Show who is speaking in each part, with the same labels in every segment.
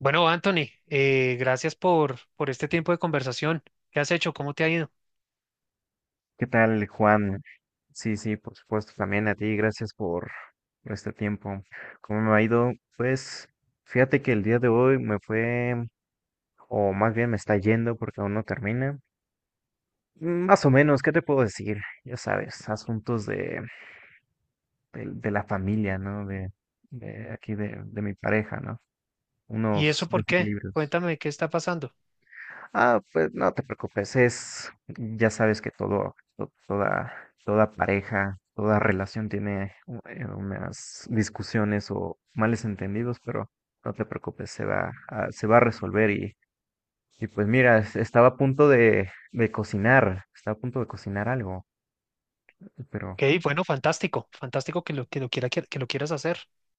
Speaker 1: Bueno, Anthony, gracias por este tiempo de conversación. ¿Qué has hecho? ¿Cómo te ha ido?
Speaker 2: ¿Qué tal, Juan? Sí, sí, por supuesto, también a ti, gracias por este tiempo. ¿Cómo me ha ido? Pues fíjate que el día de hoy me fue, o más bien me está yendo porque aún no termina. Más o menos, ¿qué te puedo decir? Ya sabes, asuntos de la familia, ¿no? De aquí, de mi pareja, ¿no?
Speaker 1: ¿Y
Speaker 2: Unos
Speaker 1: eso por qué?
Speaker 2: desequilibrios.
Speaker 1: Cuéntame qué está pasando.
Speaker 2: Ah, pues no te preocupes, ya sabes que toda pareja, toda relación tiene unas discusiones o males entendidos, pero no te preocupes, se va a resolver y pues mira, estaba a punto de cocinar, estaba a punto de cocinar algo, pero
Speaker 1: Ok, bueno, fantástico, que lo quieras hacer.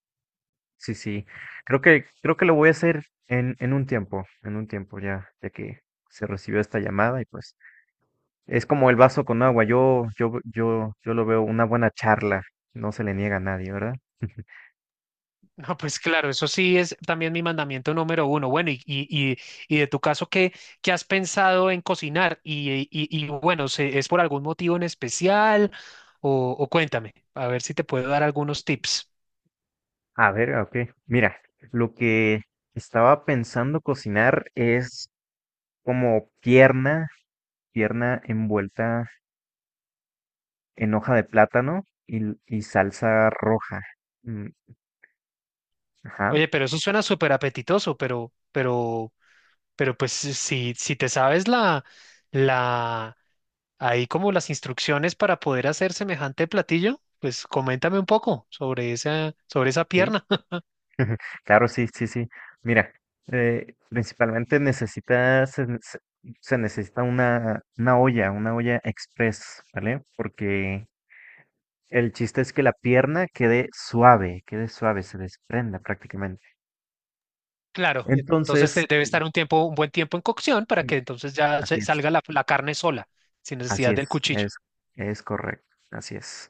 Speaker 2: sí, sí, creo que lo voy a hacer en un tiempo ya, ya que se recibió esta llamada y pues. Es como el vaso con agua. Yo lo veo una buena charla. No se le niega a nadie, ¿verdad?
Speaker 1: No, pues claro, eso sí es también mi mandamiento número uno. Bueno, y, y de tu caso, ¿qué has pensado en cocinar? Y bueno, ¿es por algún motivo en especial? O cuéntame, a ver si te puedo dar algunos tips.
Speaker 2: A ver, ok. Mira, lo que estaba pensando cocinar es como pierna envuelta en hoja de plátano y salsa roja. Mm, ajá,
Speaker 1: Oye, pero eso suena súper apetitoso, pero si te sabes la, ahí como las instrucciones para poder hacer semejante platillo, pues coméntame un poco sobre sobre esa
Speaker 2: sí.
Speaker 1: pierna.
Speaker 2: Claro, sí, sí, sí. Mira, principalmente necesita, se, ne- se- se necesita una olla express, ¿vale? Porque el chiste es que la pierna quede suave, se desprenda prácticamente.
Speaker 1: Claro, entonces
Speaker 2: Entonces,
Speaker 1: debe estar un tiempo, un buen tiempo en cocción para
Speaker 2: sí,
Speaker 1: que entonces
Speaker 2: así es,
Speaker 1: salga la carne sola, sin
Speaker 2: así
Speaker 1: necesidad del
Speaker 2: es,
Speaker 1: cuchillo.
Speaker 2: es correcto, así es.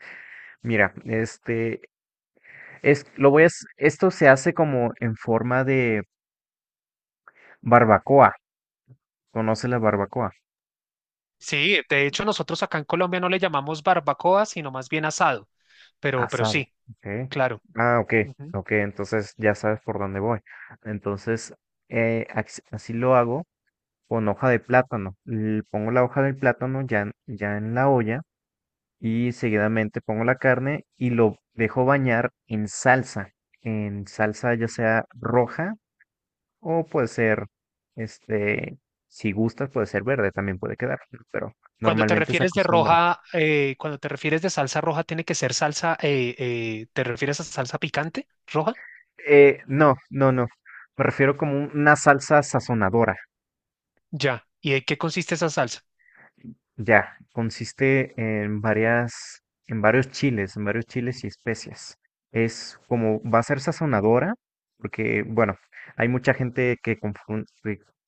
Speaker 2: Mira, es, lo voy a, hac- esto se hace como en forma de barbacoa. ¿Conoce la barbacoa?
Speaker 1: Sí, de hecho nosotros acá en Colombia no le llamamos barbacoa, sino más bien asado, pero
Speaker 2: Asado,
Speaker 1: sí,
Speaker 2: okay.
Speaker 1: claro.
Speaker 2: Ah, ok,
Speaker 1: Ujú.
Speaker 2: ok, entonces ya sabes por dónde voy. Entonces, así lo hago con hoja de plátano. Pongo la hoja del plátano ya en la olla. Y seguidamente pongo la carne y lo dejo bañar en salsa ya sea roja o puede ser, este, si gustas puede ser verde, también puede quedar, ¿no? Pero
Speaker 1: Cuando te
Speaker 2: normalmente se
Speaker 1: refieres de
Speaker 2: acostumbra.
Speaker 1: roja, cuando te refieres de salsa roja, ¿tiene que ser salsa, te refieres a salsa picante roja?
Speaker 2: No, no, no, me refiero como una salsa sazonadora.
Speaker 1: Ya. ¿Y de qué consiste esa salsa?
Speaker 2: Ya, consiste en varias, en varios chiles y especias. Es como, va a ser sazonadora, porque, bueno, hay mucha gente que confunde,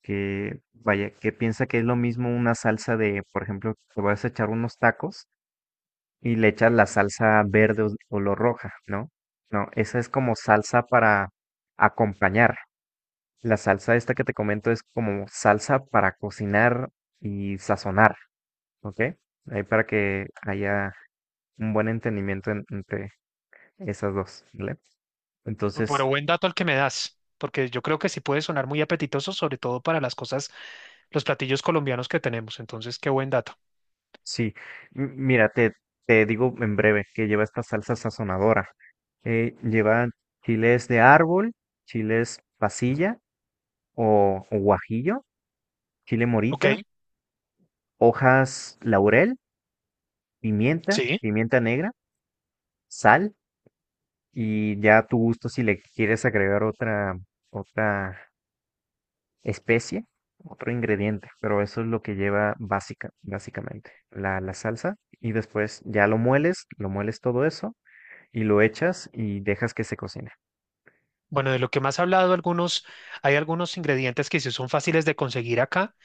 Speaker 2: que, vaya, que piensa que es lo mismo una salsa de, por ejemplo, te vas a echar unos tacos y le echas la salsa verde o color roja, ¿no? No, esa es como salsa para acompañar. La salsa esta que te comento es como salsa para cocinar y sazonar. Ok, ahí para que haya un buen entendimiento entre esas dos, ¿vale?
Speaker 1: Pero
Speaker 2: Entonces,
Speaker 1: buen dato el que me das, porque yo creo que sí puede sonar muy apetitoso, sobre todo para las cosas, los platillos colombianos que tenemos. Entonces, qué buen dato.
Speaker 2: sí, mira, te digo en breve que lleva esta salsa sazonadora. Lleva chiles de árbol, chiles pasilla o guajillo, chile
Speaker 1: Ok,
Speaker 2: morita, hojas laurel, pimienta,
Speaker 1: sí.
Speaker 2: pimienta negra, sal y ya a tu gusto si le quieres agregar otra especie, otro ingrediente, pero eso es lo que lleva básicamente, la salsa. Y después ya lo mueles todo eso y lo echas y dejas que se cocine.
Speaker 1: Bueno, de lo que más he hablado, hay algunos ingredientes que sí son fáciles de conseguir acá,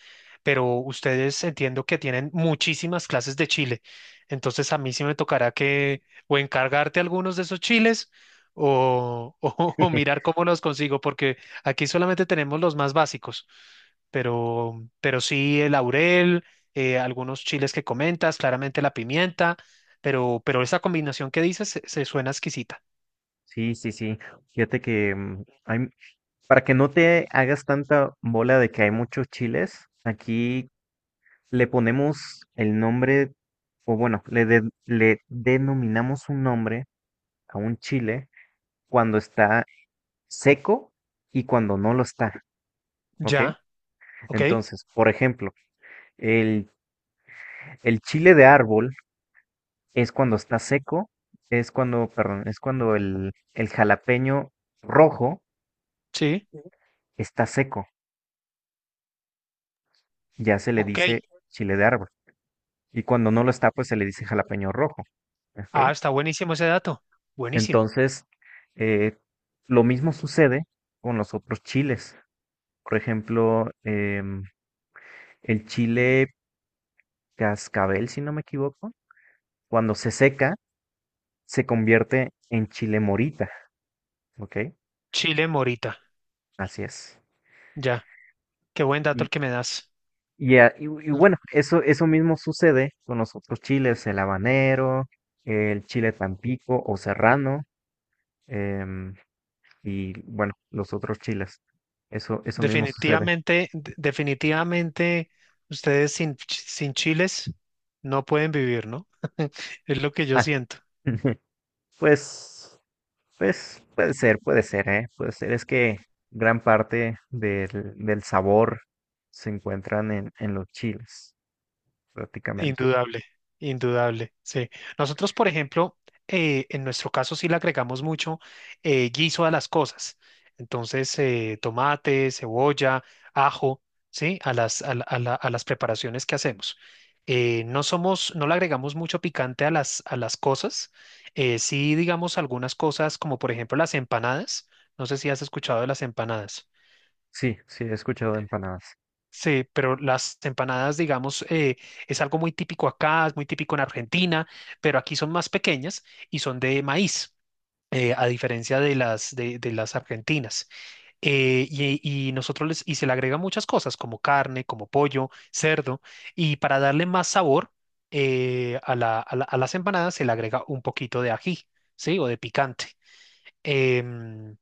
Speaker 1: pero ustedes entiendo que tienen muchísimas clases de chile. Entonces a mí sí me tocará que o encargarte algunos de esos chiles o, o mirar cómo los consigo, porque aquí solamente tenemos los más básicos, pero sí el laurel, algunos chiles que comentas, claramente la pimienta, pero esa combinación que dices se suena exquisita.
Speaker 2: Sí, sí, sí. Fíjate que para que no te hagas tanta bola de que hay muchos chiles, aquí le ponemos el nombre, o bueno, le denominamos un nombre a un chile cuando está seco y cuando no lo está, ¿ok?
Speaker 1: Ya, ok,
Speaker 2: Entonces, por ejemplo, el, el chile de árbol es cuando está seco, es cuando, perdón, es cuando el jalapeño rojo
Speaker 1: sí,
Speaker 2: está seco, ya se le
Speaker 1: ok.
Speaker 2: dice chile de árbol. Y cuando no lo está, pues se le dice jalapeño rojo. ¿Ok?
Speaker 1: Ah, está buenísimo ese dato. Buenísimo.
Speaker 2: Entonces, eh, lo mismo sucede con los otros chiles. Por ejemplo, el chile cascabel, si no me equivoco, cuando se seca, se convierte en chile morita, ¿ok?
Speaker 1: Chile Morita,
Speaker 2: Así es.
Speaker 1: ya. Qué buen dato
Speaker 2: Y,
Speaker 1: el que me das.
Speaker 2: y
Speaker 1: Mm.
Speaker 2: bueno, eso mismo sucede con los otros chiles, el habanero, el chile tampico o serrano, em, y bueno, los otros chiles. Eso mismo sucede.
Speaker 1: Definitivamente, definitivamente, ustedes sin chiles no pueden vivir, ¿no? Es lo que yo
Speaker 2: Ah,
Speaker 1: siento.
Speaker 2: pues, pues puede ser, ¿eh? Puede ser. Es que gran parte del sabor se encuentran en los chiles, prácticamente.
Speaker 1: Indudable, indudable, sí. Nosotros, por ejemplo, en nuestro caso sí le agregamos mucho guiso a las cosas. Entonces, tomate, cebolla, ajo, ¿sí? A las, a la- a la- a las preparaciones que hacemos. No somos, no le agregamos mucho picante a a las cosas. Sí, digamos algunas cosas, como por ejemplo las empanadas. No sé si has escuchado de las empanadas.
Speaker 2: Sí, sí, he escuchado de empanadas.
Speaker 1: Sí, pero las empanadas, digamos, es algo muy típico acá, es muy típico en Argentina, pero aquí son más pequeñas y son de maíz, a diferencia de de las argentinas. Eh, y, y nosotros y se le agrega muchas cosas, como carne, como pollo, cerdo, y para darle más sabor a las empanadas se le agrega un poquito de ají, ¿sí? O de picante. Em,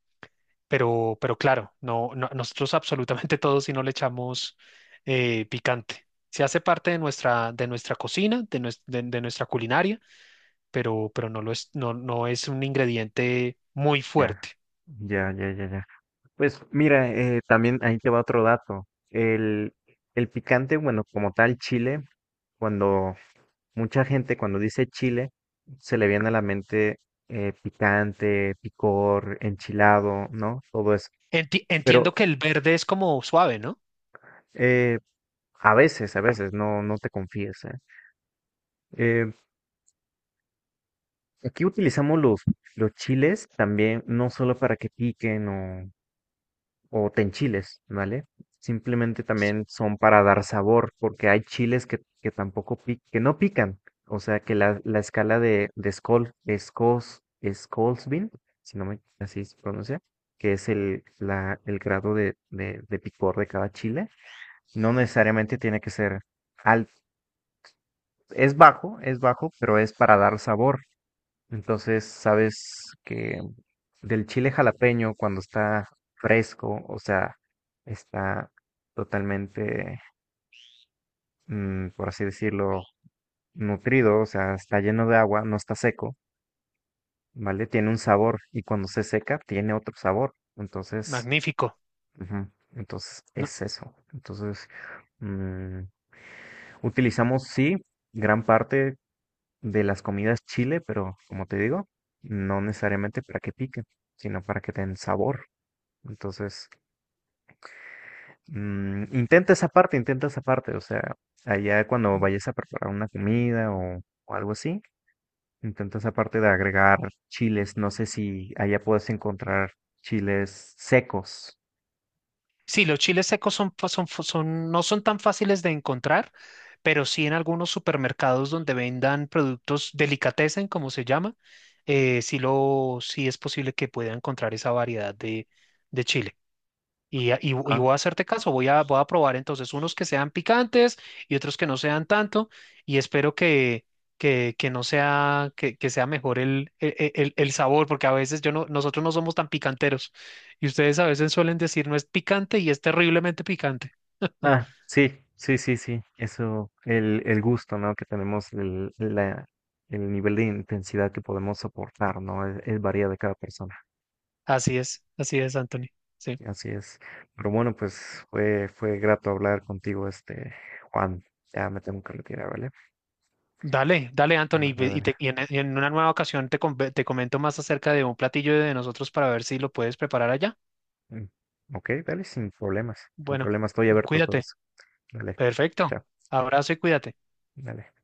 Speaker 1: pero claro, nosotros absolutamente todos si no le echamos picante. Se hace parte de nuestra cocina, de nuestra culinaria, pero no lo es, no es un ingrediente muy
Speaker 2: Ya,
Speaker 1: fuerte.
Speaker 2: ya, ya, ya, ya. Pues mira, también ahí te va otro dato. El picante, bueno, como tal, chile, cuando mucha gente cuando dice chile, se le viene a la mente picante, picor, enchilado, ¿no? Todo eso.
Speaker 1: Entiendo
Speaker 2: Pero
Speaker 1: que el verde es como suave, ¿no?
Speaker 2: eh, a veces, no te confíes, ¿eh? Eh, Aquí utilizamos los chiles también, no solo para que piquen o tenchiles, ¿vale? Simplemente también son para dar sabor, porque hay chiles que tampoco pic- que no pican. O sea que la escala de Scoville, si no me así se pronuncia, que es el, la, el grado de picor de cada chile, no necesariamente tiene que ser alto. Es bajo, pero es para dar sabor. Entonces, sabes que del chile jalapeño, cuando está fresco, o sea, está totalmente, por así decirlo, nutrido, o sea, está lleno de agua, no está seco, ¿vale? Tiene un sabor y cuando se seca, tiene otro sabor. Entonces,
Speaker 1: Magnífico.
Speaker 2: ujú, entonces
Speaker 1: No.
Speaker 2: es eso. Entonces, mm, utilizamos, sí, gran parte de las comidas chile, pero como te digo, no necesariamente para que pique, sino para que den sabor. Entonces, intenta esa parte, intenta esa parte. O sea, allá cuando vayas a preparar una comida o algo así, intenta esa parte de agregar chiles. No sé si allá puedes encontrar chiles secos.
Speaker 1: Sí, los chiles secos no son tan fáciles de encontrar, pero sí en algunos supermercados donde vendan productos delicatessen, como se llama, sí es posible que pueda encontrar esa variedad de chile. Y
Speaker 2: Ah,
Speaker 1: voy a hacerte caso, voy a probar entonces unos que sean picantes y otros que no sean tanto, y espero que no sea, que sea mejor el sabor, porque a veces yo no, nosotros no somos tan picanteros, y ustedes a veces suelen decir no es picante y es terriblemente picante.
Speaker 2: ah, sí, sí, sí, sí. Eso, el gusto, ¿no? Que tenemos, el nivel de intensidad que podemos soportar, ¿no? Es varía de cada persona.
Speaker 1: Así es, Anthony. Sí.
Speaker 2: Así es. Pero bueno, pues fue grato hablar contigo, Juan. Ya me tengo que retirar, ¿vale?
Speaker 1: Dale, dale, Anthony,
Speaker 2: Vale, vale.
Speaker 1: y en una nueva ocasión te comento más acerca de un platillo de nosotros para ver si lo puedes preparar allá.
Speaker 2: Mm. Ok, dale, sin problemas. Sin
Speaker 1: Bueno,
Speaker 2: problemas, estoy abierto a todo
Speaker 1: cuídate.
Speaker 2: eso. Dale,
Speaker 1: Perfecto.
Speaker 2: chao,
Speaker 1: Abrazo y cuídate.
Speaker 2: dale.